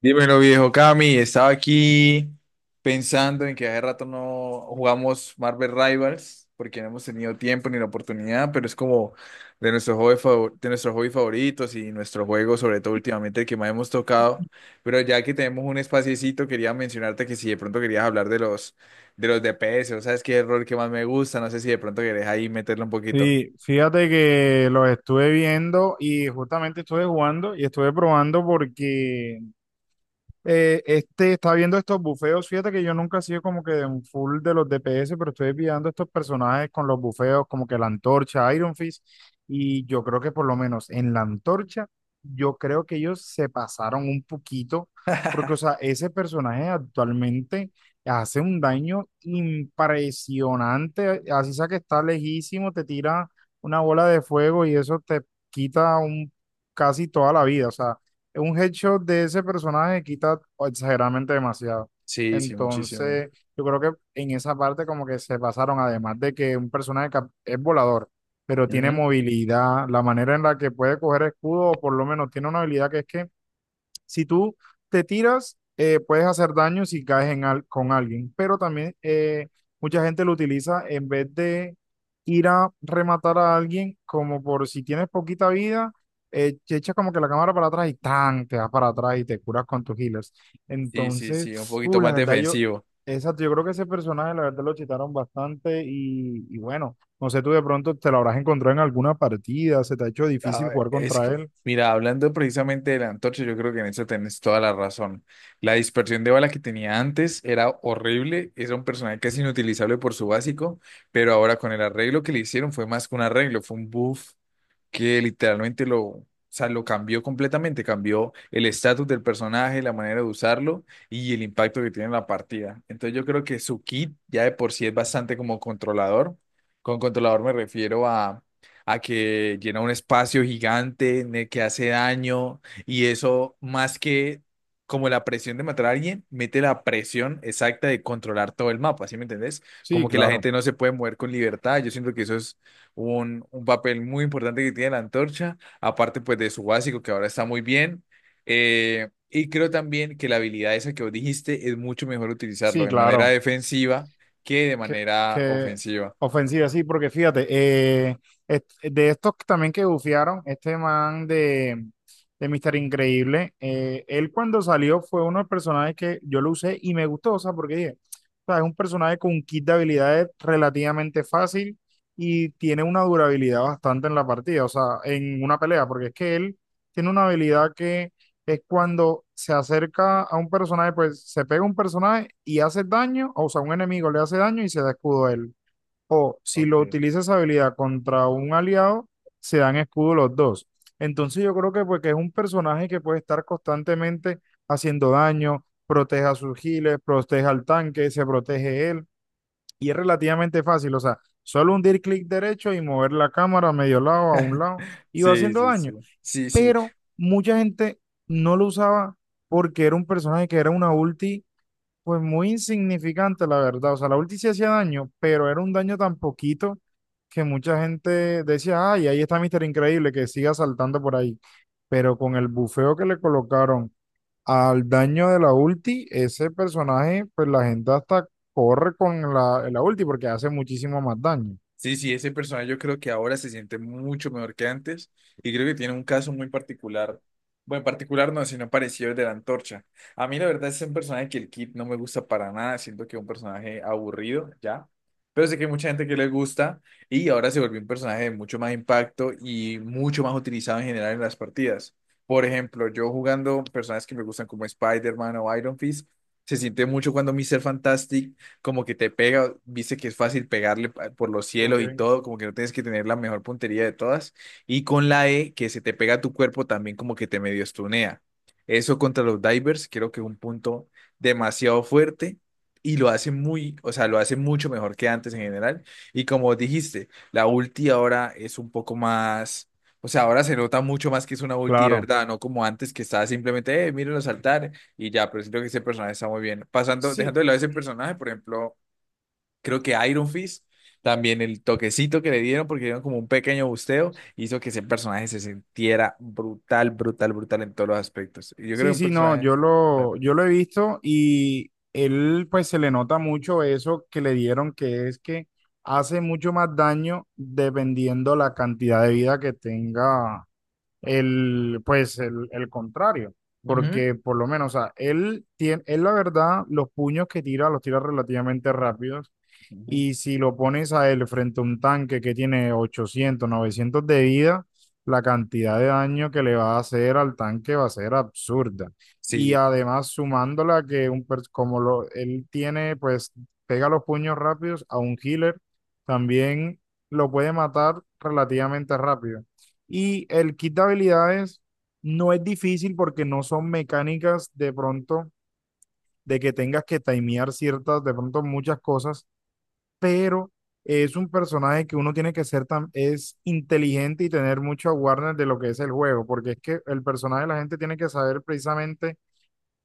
Dímelo, viejo Cami. Estaba aquí pensando en que hace rato no jugamos Marvel Rivals porque no hemos tenido tiempo ni la oportunidad, pero es como de nuestros de nuestros hobbies favoritos y nuestro juego, sobre todo últimamente, el que más hemos tocado. Pero ya que tenemos un espaciecito, quería mencionarte que si de pronto querías hablar de los DPS, o sabes qué es el rol que más me gusta, no sé si de pronto querés ahí meterle un poquito. Sí, fíjate que los estuve viendo y justamente estuve jugando y estuve probando porque este está viendo estos bufeos. Fíjate que yo nunca he sido como que un full de los DPS, pero estoy viendo estos personajes con los bufeos, como que la antorcha, Iron Fist. Y yo creo que por lo menos en la antorcha, yo creo que ellos se pasaron un poquito, porque, o sea, ese personaje actualmente hace un daño impresionante. Así sea que está lejísimo, te tira una bola de fuego y eso te quita un, casi toda la vida. O sea, un headshot de ese personaje quita exageradamente demasiado. Sí, sí, muchísimo. Entonces, yo creo que en esa parte como que se pasaron, además de que un es volador, pero tiene Ujú. movilidad, la manera en la que puede coger escudo, o por lo menos tiene una habilidad que es que si tú te tiras, puedes hacer daño si caes con alguien, pero también mucha gente lo utiliza en vez de ir a rematar a alguien, como por si tienes poquita vida, te echas como que la cámara para atrás y tan, te vas para atrás y te curas con tus healers. Sí, sí, Entonces, sí, un poquito uh, la más verdad, yo, defensivo. exacto, yo creo que ese personaje, la verdad, lo chitaron bastante y bueno, no sé, tú de pronto te lo habrás encontrado en alguna partida, se te ha hecho A difícil ver, jugar es contra que, él. mira, hablando precisamente de la antorcha, yo creo que en eso tenés toda la razón. La dispersión de bala que tenía antes era horrible, era un personaje casi inutilizable por su básico, pero ahora con el arreglo que le hicieron fue más que un arreglo, fue un buff que literalmente lo, o sea, lo cambió completamente, cambió el estatus del personaje, la manera de usarlo y el impacto que tiene en la partida. Entonces yo creo que su kit ya de por sí es bastante como controlador. Con controlador me refiero a que llena un espacio gigante en el que hace daño y eso más que... Como la presión de matar a alguien, mete la presión exacta de controlar todo el mapa, ¿sí me entendés? Sí, Como que la claro. gente no se puede mover con libertad. Yo siento que eso es un papel muy importante que tiene la antorcha, aparte pues de su básico que ahora está muy bien. Y creo también que la habilidad esa que vos dijiste es mucho mejor utilizarlo Sí, de manera claro. defensiva que de Que, manera que ofensiva. ofensiva, sí, porque fíjate, de estos que también que bufiaron, este man de Mister Increíble, él cuando salió fue uno de los personajes que yo lo usé y me gustó, o sea, porque dije, o sea, es un personaje con un kit de habilidades relativamente fácil y tiene una durabilidad bastante en la partida, o sea, en una pelea, porque es que él tiene una habilidad que es cuando se acerca a un personaje, pues se pega a un personaje y hace daño, o sea, un enemigo le hace daño y se da escudo a él. O si lo Okay. utiliza esa habilidad contra un aliado, se dan escudo los dos. Entonces yo creo que pues que es un personaje que puede estar constantemente haciendo daño, protege a sus giles, protege al tanque, se protege él y es relativamente fácil, o sea, solo hundir clic derecho y mover la cámara a medio lado, a un lado y va Sí, haciendo sí, sí. daño, Sí, sí. pero mucha gente no lo usaba porque era un personaje que era una ulti, pues muy insignificante, la verdad. O sea, la ulti sí hacía daño, pero era un daño tan poquito que mucha gente decía, ay, ahí está Mister Increíble, que siga saltando por ahí. Pero con el bufeo que le colocaron al daño de la ulti, ese personaje, pues la gente hasta corre con la ulti porque hace muchísimo más daño. Sí, sí, ese personaje yo creo que ahora se siente mucho mejor que antes y creo que tiene un caso muy particular. Bueno, particular no, sino parecido al de la antorcha. A mí la verdad es un personaje que el Kid no me gusta para nada, siento que es un personaje aburrido, ya. Pero sé que hay mucha gente que le gusta y ahora se volvió un personaje de mucho más impacto y mucho más utilizado en general en las partidas. Por ejemplo, yo jugando personajes que me gustan como Spider-Man o Iron Fist, se siente mucho cuando Mr. Fantastic como que te pega, viste que es fácil por los cielos y Ok. todo, como que no tienes que tener la mejor puntería de todas. Y con la E, que se te pega a tu cuerpo también como que te medio estunea. Eso contra los divers creo que es un punto demasiado fuerte y lo hace muy, o sea, lo hace mucho mejor que antes en general. Y como dijiste, la ulti ahora es un poco más... O sea, ahora se nota mucho más que es una ulti de Claro. verdad, no como antes que estaba simplemente, mírenlo saltar, y ya, pero siento que ese personaje está muy bien. Pasando, Sí. dejando de lado ese personaje, por ejemplo, creo que Iron Fist, también el toquecito que le dieron, porque dieron como un pequeño busteo, hizo que ese personaje se sintiera brutal, brutal, brutal en todos los aspectos. Y yo creo que Sí, un sí, no, personaje... yo lo he visto y él pues se le nota mucho eso que le dieron, que es que hace mucho más daño dependiendo la cantidad de vida que tenga el contrario, Ujú. porque por lo menos, o sea, él tiene, él la verdad, los puños que tira los tira relativamente rápidos Ujú. y si lo pones a él frente a un tanque que tiene 800 900 de vida, la cantidad de daño que le va a hacer al tanque va a ser absurda. Y Sí, además sumándola que un él tiene, pues pega los puños rápidos a un healer, también lo puede matar relativamente rápido. Y el kit de habilidades no es difícil porque no son mecánicas de pronto de que tengas que timear ciertas, de pronto muchas cosas, pero es un personaje que uno tiene que ser tan, es inteligente y tener mucho awareness de lo que es el juego, porque es que el personaje la gente tiene que saber precisamente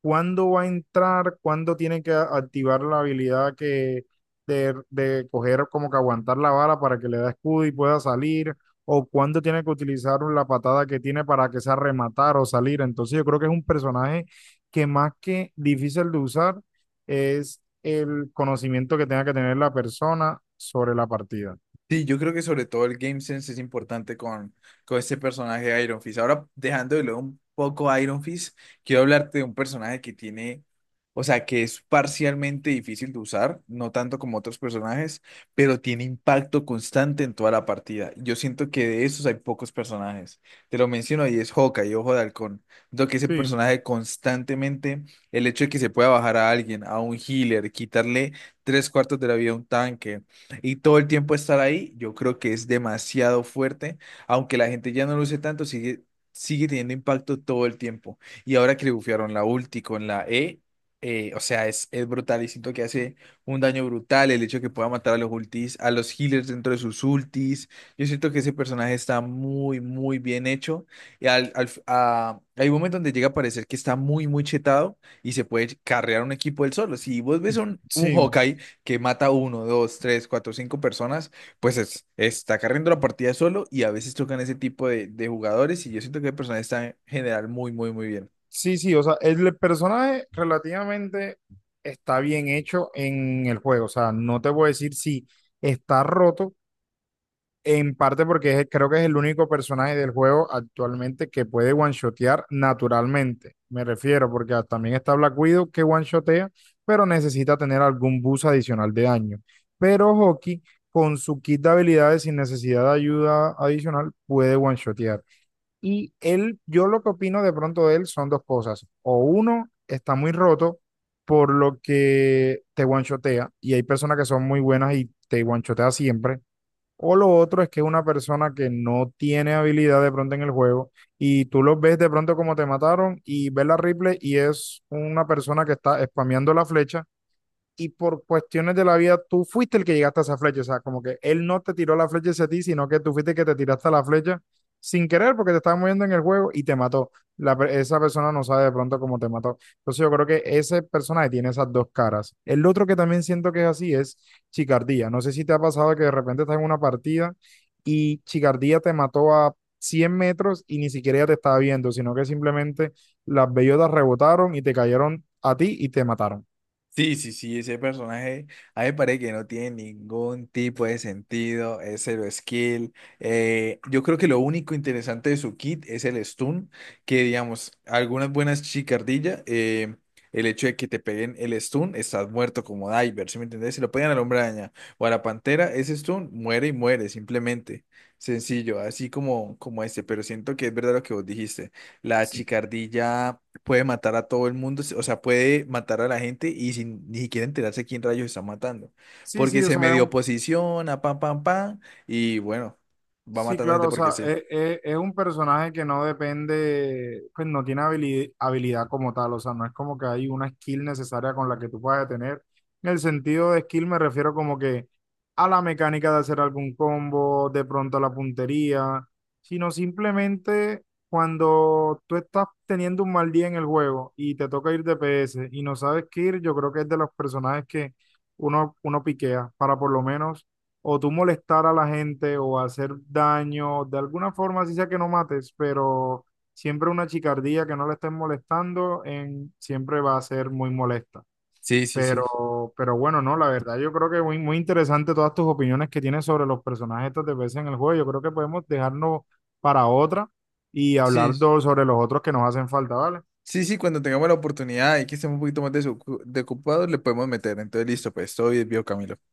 cuándo va a entrar, cuándo tiene que activar la habilidad que de coger como que aguantar la bala para que le da escudo y pueda salir, o cuándo tiene que utilizar la patada que tiene para que sea rematar o salir. Entonces yo creo que es un personaje que más que difícil de usar es el conocimiento que tenga que tener la persona sobre la partida. sí, yo creo que sobre todo el game sense es importante con este personaje de Iron Fist. Ahora, dejando de lado un poco a Iron Fist, quiero hablarte de un personaje que tiene, o sea, que es parcialmente difícil de usar, no tanto como otros personajes, pero tiene impacto constante en toda la partida. Yo siento que de esos hay pocos personajes. Te lo menciono y es Hawkeye, Ojo de Halcón. Lo que ese Sí, personaje constantemente, el hecho de que se pueda bajar a alguien, a un healer, quitarle tres cuartos de la vida a un tanque y todo el tiempo estar ahí, yo creo que es demasiado fuerte, aunque la gente ya no lo use tanto, sigue, sigue teniendo impacto todo el tiempo. Y ahora que le bufiaron la ulti con la E, o sea, es brutal y siento que hace un daño brutal el hecho de que pueda matar a los ultis, a los healers dentro de sus ultis. Yo siento que ese personaje está muy, muy bien hecho. Y hay un momento donde llega a parecer que está muy, muy chetado y se puede carrear un equipo él solo. Si vos ves un sí. Hawkeye que mata uno, dos, tres, cuatro, cinco personas, pues está carriendo la partida solo y a veces tocan ese tipo de jugadores y yo siento que el personaje está en general muy, muy, muy bien. Sí, sí, o sea, el personaje relativamente está bien hecho en el juego. O sea, no te voy a decir si está roto, en parte porque creo que es el único personaje del juego actualmente que puede one-shotear naturalmente. Me refiero, porque también está Black Widow que one-shotea, pero necesita tener algún boost adicional de daño. Pero Hoki con su kit de habilidades sin necesidad de ayuda adicional, puede one-shotear. Él, yo lo que opino de pronto de él son dos cosas. O uno, está muy roto, por lo que te guanchotea, y hay personas que son muy buenas y te guanchotea siempre. O lo otro es que es una persona que no tiene habilidad de pronto en el juego y tú los ves de pronto como te mataron y ves la replay y es una persona que está spameando la flecha y por cuestiones de la vida tú fuiste el que llegaste a esa flecha, o sea, como que él no te tiró la flecha hacia ti, sino que tú fuiste el que te tiraste a la flecha sin querer porque te estabas moviendo en el juego y te mató. Esa persona no sabe de pronto cómo te mató. Entonces yo creo que ese personaje tiene esas dos caras. El otro que también siento que es así es Chicardía. No sé si te ha pasado que de repente estás en una partida y Chicardía te mató a 100 metros y ni siquiera ella te estaba viendo, sino que simplemente las bellotas rebotaron y te cayeron a ti y te mataron. Sí, sí, sí, ese personaje, a mí me parece que no tiene ningún tipo de sentido, es cero skill. Yo creo que lo único interesante de su kit es el stun, que digamos, algunas buenas chicardillas, el hecho de que te peguen el stun, estás muerto como diver, ¿sí me entendés? Si lo pegan al hombre araña o a la pantera, ese stun muere y muere, simplemente. Sencillo, así como, como este, pero siento que es verdad lo que vos dijiste. La chicardilla puede matar a todo el mundo, o sea, puede matar a la gente y sin ni siquiera enterarse quién rayos está matando. Sí, Porque sí, o se sea, es medio un, posiciona, pam, pam, pam, y bueno, va sí, matando claro, gente o porque sea, sí. Es un personaje que no depende, pues no tiene habilidad, como tal, o sea, no es como que hay una skill necesaria con la que tú puedas tener. En el sentido de skill me refiero como que a la mecánica de hacer algún combo, de pronto a la puntería, sino simplemente cuando tú estás teniendo un mal día en el juego y te toca ir DPS y no sabes qué ir, yo creo que es de los personajes que uno piquea para por lo menos o tú molestar a la gente o hacer daño, de alguna forma, así sea que no mates, pero siempre una chicardía que no le estén molestando en, siempre va a ser muy molesta. Sí, sí, sí. Pero bueno, no, la verdad, yo creo que muy interesante todas tus opiniones que tienes sobre los personajes estos de veces en el juego. Yo creo que podemos dejarnos para otra y hablar Sí, sobre los otros que nos hacen falta, ¿vale? sí, sí, cuando tengamos la oportunidad y que estemos un poquito más desocupados, le podemos meter. Entonces, listo, pues, todo bien, vio Camilo.